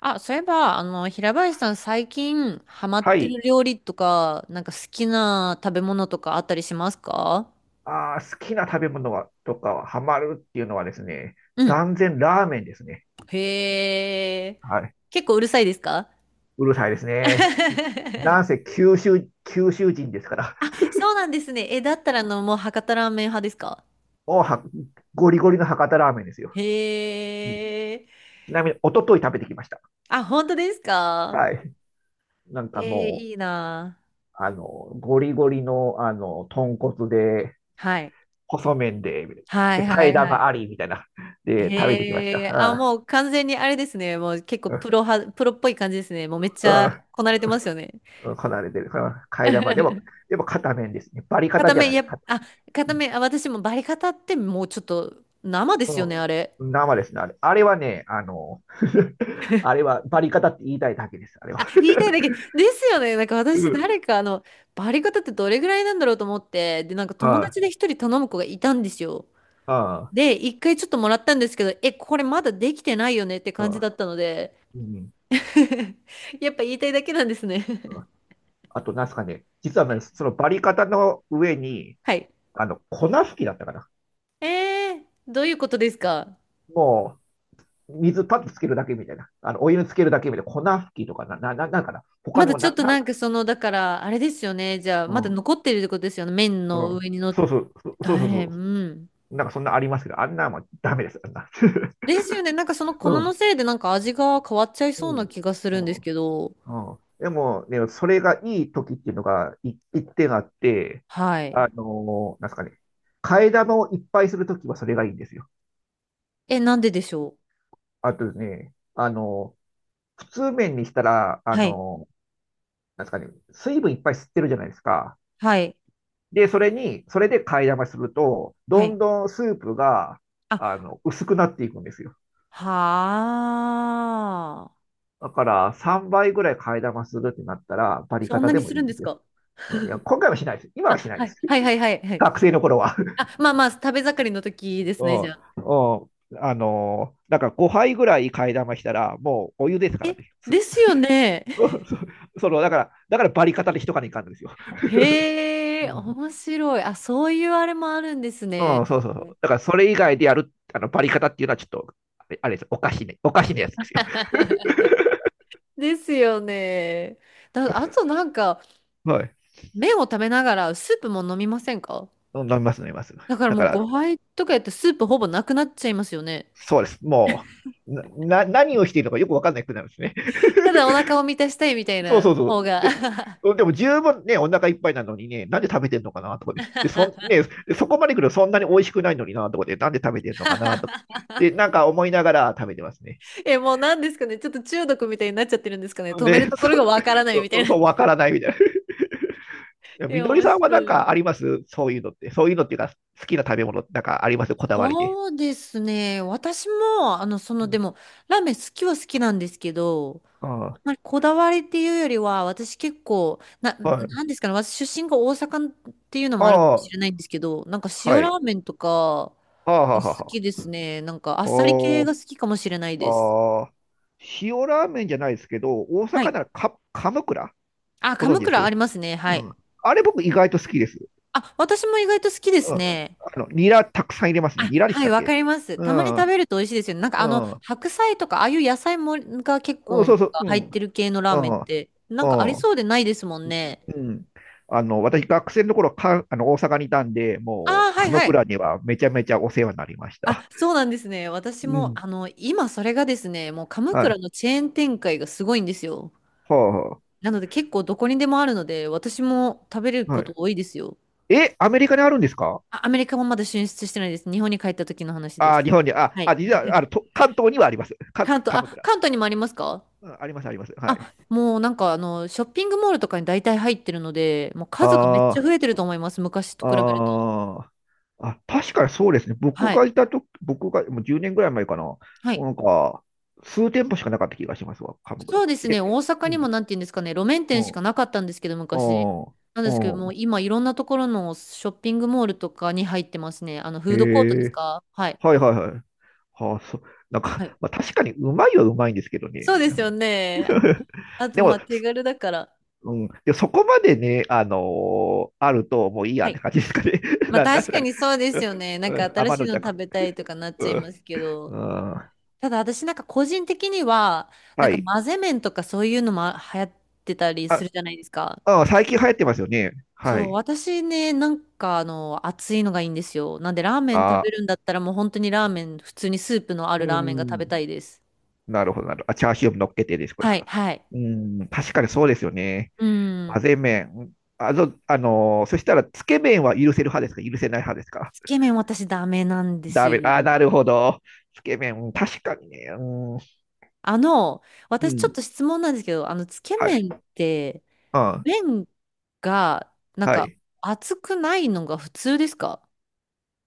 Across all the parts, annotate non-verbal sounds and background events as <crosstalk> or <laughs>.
あ、そういえば、平林さん最近ハマはってい。る料理とか、なんか好きな食べ物とかあったりしますか？好きな食べ物はとかはハマるっていうのはですね、うん。断然ラーメンですね。へえ。はい。結構うるさいですか？ うるさいです <laughs> ね。なんせ九州人ですから、あ、そうなんですね。え、だったらもう博多ラーメン派ですか？もうはゴリゴリの博多ラーメンですよ。うん、ちへえ。なみに、一昨日食べてきました。あ、本当ですか？はい。なんえー、かもいいなう、あの、ゴリゴリの、豚骨で、ぁ。はい。細麺で、はで、いは替えいは玉い。ありみたいな、で、食べてきましへた。え。あ、はい。もう完全にあれですね。もう結構うプんロ派、プロっぽい感じですね。もうめっちうゃんこなれてますよね。うんこなれてる。うん、替え玉。でも、<laughs> でも、片面ですね。バリカタ片じゃ目、ないでやす。っ、あ、う片目、あ、私もバリカタってもうちょっと生ですよね、あれ。ん、生ですね、あれ。あれはね、<laughs> あれはバリカタって言いたいだけです、あれは。あ、言いたいだけ。ですよね。なんかう私、ん。誰か、バリカタってどれぐらいなんだろうと思って、で、なんかは友達で一人頼む子がいたんですよ。い、はで、一回ちょっともらったんですけど、え、これまだできてないよねってい、感じはだったので、い、うん。<laughs> やっぱ言いたいだけなんですね。う <laughs> ん、あと、なんすかね、実はね、そのバリカタの上に、はい。粉吹きだったかな。えー、どういうことですか？もう、水パッとつけるだけみたいな。お湯につけるだけみたいな。粉吹きとかな、な、な、なんかな。他まだのちょっな、となな、んかその、だから、あれですよね。じゃあ、まうだん、残ってるってことですよね。麺うの上ん。に乗っそうそう、えそうそうえ、うそん。う。なんかそんなありますけど、あんなもんダメです、あんな。<laughs> ですよね。なんかその粉うのん、せいでなんか味が変わっちゃいうそうなん、気がすうるんですん。けど。うん、でも、ね、それがいい時っていうのがい一点あって、はい。なんですかね、替え玉をいっぱいするときはそれがいいんですよ。え、なんででしょう？あとですね、普通麺にしたら、はい。なんですかね、水分いっぱい吸ってるじゃないですか。はい。で、それで替え玉すると、はどい。んどんスープが、あ、薄くなっていくんですよ。はあ。だから、3倍ぐらい替え玉するってなったら、バリそカんタなでにもすいいるんんでですすよ。か？いや、今回はしないです。今あ、はしないはでい。す。はいはいはいは <laughs> い。学生の頃は。あ、まあまあ、食べ盛りの時ですうね、ん、じうゃあ。ん、だから5杯ぐらい替え玉したら、もうお湯ですかえ、らね。ですよね。<laughs> <laughs> その、だから、だからバリ方で一かにいかんのですよ。へうえ、ん、面白い。あ、そういうあれもあるんですうね。ん、そうそうそう。だからそれ以外でやる、バリ方っていうのはちょっと、あれあれです。おかしいね。おかしいなやつですよ。<laughs> ですよね。だ、あとなんか、<laughs> はい。麺を食べながらスープも飲みませんか？飲みます、飲みます。だからだもかうら、ご飯とかやってスープほぼなくなっちゃいますよね。そうです。もう、何をしているのかよくわかんなくなるんですね。ただお腹を満たしたいみたいそうなそうそ方う。でも、が。でも十分ね、お腹いっぱいなのにね、なんで食べてんのかなとかね。で、そん、ね、そこまで来るとそんなに美味しくないのになとかで、なんで食べてんのかなとか。で、な <laughs> んか思いながら食べてますね。え、もうなんですかね。ちょっと中毒みたいになっちゃってるんですかね。止めるで、とこそろがう、わからないみた <laughs> いうそな。う、わからないみたい <laughs> な。え、みのり面さんは白なんい。かありますそういうのって。そういうのっていうか、好きな食べ物なんかありますこだわりで。そうですね。私も、うでん、も、ラーメン好きは好きなんですけど、あまあ、こだわりっていうよりは、私結構、な、あ、はない。んですかね、私出身が大阪っていうのもあるかもあしあ、れないんですけど、なんか塩はラい。ーメンとかああ、はがあはあ好はきであ。すね。なんかあっさり系おー、が好きかもしれないです。ああ、塩ラーメンじゃないですけど、大は阪い。ならカムクラあ、ご存鎌知で倉あす？りますね。はうん。い。あれ僕意外と好きです。あ、私も意外と好きですうん。ね。ニラたくさん入れますね。あ、ニラでしはい、たっわかけ？ります。うたまにん。食べると美味しいですよね。なんかうん。白菜とか、ああいう野菜もが結うん、構なんそうかそう。う入っん。てる系のラーうメンっん。て、なんかありうん。そうでないですもんね。うん。私、学生の頃か、あの、大阪にいたんで、あもあ、う、はい鎌はい。倉にはめちゃめちゃお世話になりました。あ、そうなんですね。私うも、ん。今それがですね、もう鎌は倉い。のチェーン展開がすごいんですよ。はなので結構どこにでもあるので、私も食べるあ、こはとい。多いですよ。え、アメリカにあるんですか？あ、アメリカもまだ進出してないです。日本に帰った時の話であ、す。日本に、はい。実は、あの、関東にはあります。関東、鎌あ、倉。関東にもありますか？うん、あります、あります。はあ、い。もうなんかショッピングモールとかに大体入ってるので、もう数がめっはちゃ増あ。えてると思います。昔と比べると。あー、あ、確かにそうですね。僕はがい。いたと僕がもう10年ぐらい前かな。はい。なんか、数店舗しかなかった気がしますわ、鎌そ倉。うですね、で、大阪うにもん、なんて言うんですかね、路面う店しかん、なかったんですけど、う昔。ん、なんですけど、うもうん。今、いろんなところのショッピングモールとかに入ってますね。フへードコートですえ、か？はい。はいはいはい。はあ、そう、なんはい。か、<laughs> まあ、確かにうまいはうまいんですけどね。そうですよね。あ <laughs> と、でまも、あ、手軽だから。うん、でそこまでね、あるともういいやはっい。て感じですかね。<laughs> まあ、なん確すかかね。にそうでうすよね。なんん、うかん新天しいのの食弱。べたいとかなっうちゃいまん、すけど。うん、ただ、私なんか個人的には、なんはかい。混ぜ麺とかそういうのも流行ってたりすあ、るじゃないですか。ああ、最近流行ってますよね。はそう、い。私ね、なんか熱いのがいいんですよ。なんで、ラーメン食あべあ、るんだったらもう本当にラーメン、普通にスープのあうるラーメンが食ん。べたいです。なるほど、なるほど。あ、チャーシューも乗っけてですか？ですはい、か？はい。うん。確かにそうですよね。う混ん。ぜ麺。うん、そしたら、つけ麺は許せる派ですか？許せない派ですか？つけ麺私ダメなんですダメ。よ。ああ、なるほど。つけ麺。うん、確かにね。うん。あの、う私ちょっん。と質問なんですけど、つけはい。麺って、うん。麺が、なんはか、い。熱くないのが普通ですか？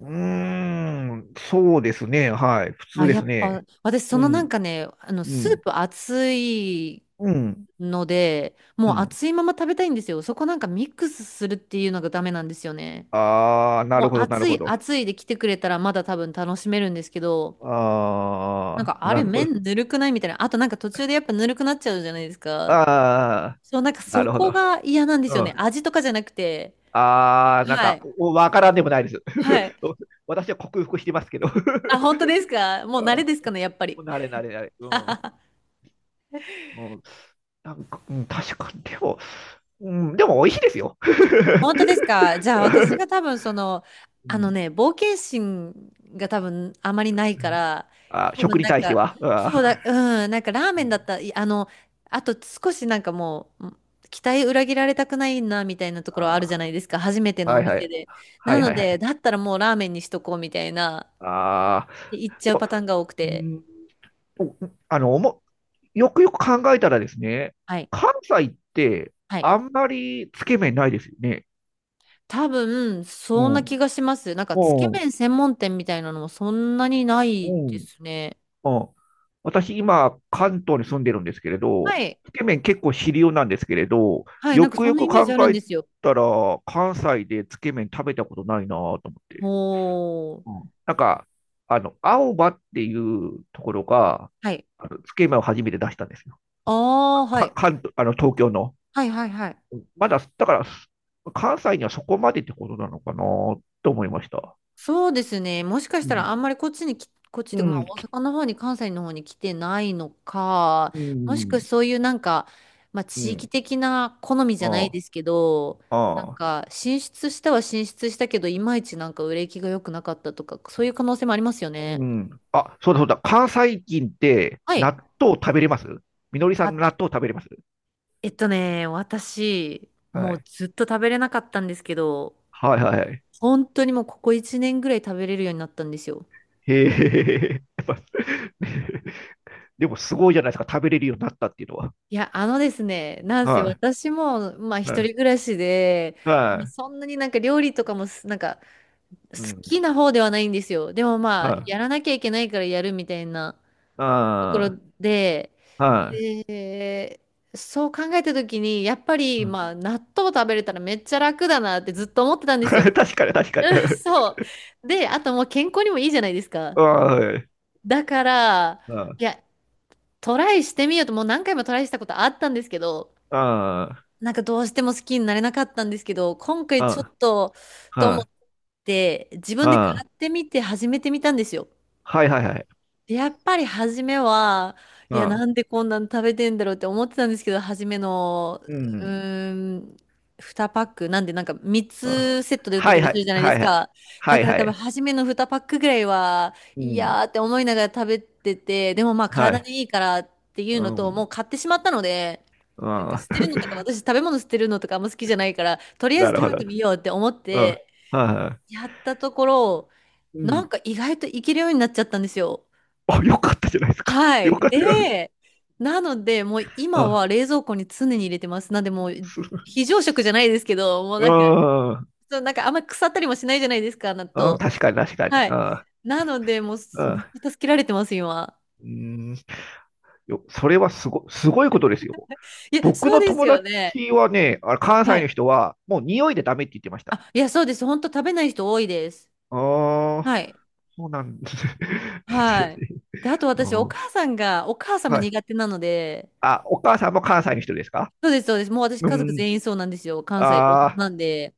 うーん。そうですね。はい。普通あ、でやっすぱ、ね。私そうのなんん。かね、うスーん。プ熱いうん。ので、うもうん。熱いまま食べたいんですよ。そこなんかミックスするっていうのがダメなんですよね。ああ、なもるうほど、なる熱ほいど。熱いで来てくれたらまだ多分楽しめるんですけど、なんああ、かあれなるほど。麺ぬるくないみたいな。あとなんか途中でやっぱぬるくなっちゃうじゃないですか。ああ、そう、なんかなそるほこど。が嫌なんですようね。ん。味とかじゃなくて。ああ、なんはか、い。おわからんでもないです。はい。<laughs> 私は克服してますけど。<laughs> あ、本当ですか？もう慣れですかね、やっぱり。うん、<laughs> なれなれなれ。うん。<laughs> もうなんか、うん、確かに、でも、うん、でも美味しいですよ。本当です <laughs> か？じゃあ私が多分その、うあのん、ね、冒険心が多分あまりないか <laughs> ら、あ、多食分になん対してか、は。あそうー、だ、うん、なんかラーうメンだっん、た、いあの、あと少しなんかもう、ん期待裏切られたくないなみたいなところあるじゃあないですか、初めてー、のはおいは店い。で。はないのはいはで、い。だったらもうラーメンにしとこうみたいな、ああ、で行っちゃうでも、パターンが多くうて。んおあの、おも、よくよく考えたらですね、はい。関西ってはい。あんまりつけ麺ないですよね。多分、うそんな気ん。がします。なんか、つけうん。麺専門店みたいなのもそんなになういでん。すね。うん。私、今、関東に住んでるんですけれど、はいつけ麺結構主流なんですけれど、はい、よなんかくそよんなくイメージ考あるんえですよ。たら、関西でつけ麺食べたことないなと思って。ほうん。ー。なんか、青葉っていうところが、はい。あのつけ麺を初めて出したんですよ。ああ、はい。関東、東京の。はいはいはい。まだ、だから、関西にはそこまでってことなのかなと思いました。そうですね。もしかしうたらん。あんまりこっちにき、こっちうというか、まあん。大阪の方に関西の方に来てないのか、うもしくん。はそういうなんか、まあう地域ん。的な好みじゃないあですけど、なんあ。あか進出したは進出したけど、いまいちなんか売れ行きが良くなかったとか、そういう可能性もありますよあ。ね。うん。あ、そうだそうだ。関西人ってはい。納豆食べれます？みのりさんあ、納豆食べれます？えっとね、私、はもうい。ずっと食べれなかったんですけど、はいはいはい。本当にもうここ1年ぐらい食べれるようになったんですよ。へえ。<laughs> やっぱ <laughs> でもすごいじゃないですか。食べれるようになったっていうのは。いや、あのですね、なんせは私も、まあい。は一人暮い。らしで、でもはそんなになんか料理とかもす、なんかい。う好ん。きな方ではないんですよ。でもまはあ、い。やらなきゃいけないからやるみたいなところあで、あ。はえーそう考えた時に、やっぱい。りうん、 まあ納豆食べれたらめっちゃ楽だなってずっと思ってたん <laughs> ですよ。確かに確かに。<laughs> <laughs> そう。で、あともう健康にもいいじゃないですか。はい。だから、はいい。や、トライしてみようと、もう何回もトライしたことあったんですけど、あなんかどうしても好きになれなかったんですけど、今あ、回ちょあっと、とあ、思っあて、自あ、分で買ああ、ってみて始めてみたんですよ。はいはいはい。やっぱり初めは、いや、なああ、んでこんなの食べてんだろうって思ってたんですけど、初めの、ううん。ん。ーん、2パック、なんでなんか3あ、つセットで売ってはたいりはすい、るじゃないではすいはい。か。はだいからは多分い。初めの2パックぐらいは、ういん。やーって思いながら食べてて、でもまあは体い。にいいからっていううのと、もん。う買ってしまったので、なんかあ捨あ、てるのとか、<laughs> 私食べ物捨てるのとかあんま好きじゃないから、とりあえずなる食ほべてど。みようって思っうん。はて、いはやったところ、い。うなんん。か意外といけるようになっちゃったんですよ。あ、よかったじゃないですか。はよい。かったよ。で、なので、もうあ今あ、は冷蔵庫に常に入れてます。なんで、もう <laughs> す、非常食じゃないですけど、もうあなんか、あ、そう、なんかあんまり腐ったりもしないじゃないですか、納ああ、豆。確かに確かに。はい。あなので、もうあ、あめっあ、ちゃ助けられてます、今。うん。それはすご、すごいことですよ。いや、僕そうのです友よね。達はね、あ関は西のい。人は、もう匂いでダメって言ってました。あ、いや、そうです。本当食べない人多いです。ああ。はい。そうなんです？ <laughs> ですよはね。い。で、あと私、おうん、母さんが、お母さんもはい。苦手なので、あ、お母さんも関西の人ですか？そうです、そうです。もう私、う家族ん。全員そうなんですよ。関西、大阪あーなんで。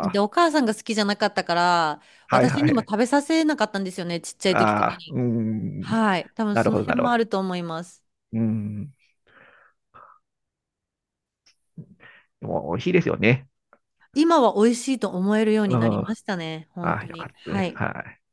で、お母さんが好きじゃなかったから、ー、はい私はにもい。食べさせなかったんですよね、ちっちゃい時とかあーうに。ーん。はい。多分なそるのほど、な辺るほもど。あると思います。うーん。でも美味しいですよね。今は美味しいと思えるようにうなりん。ましたね、本あー当よかに。ったではす。い。はい。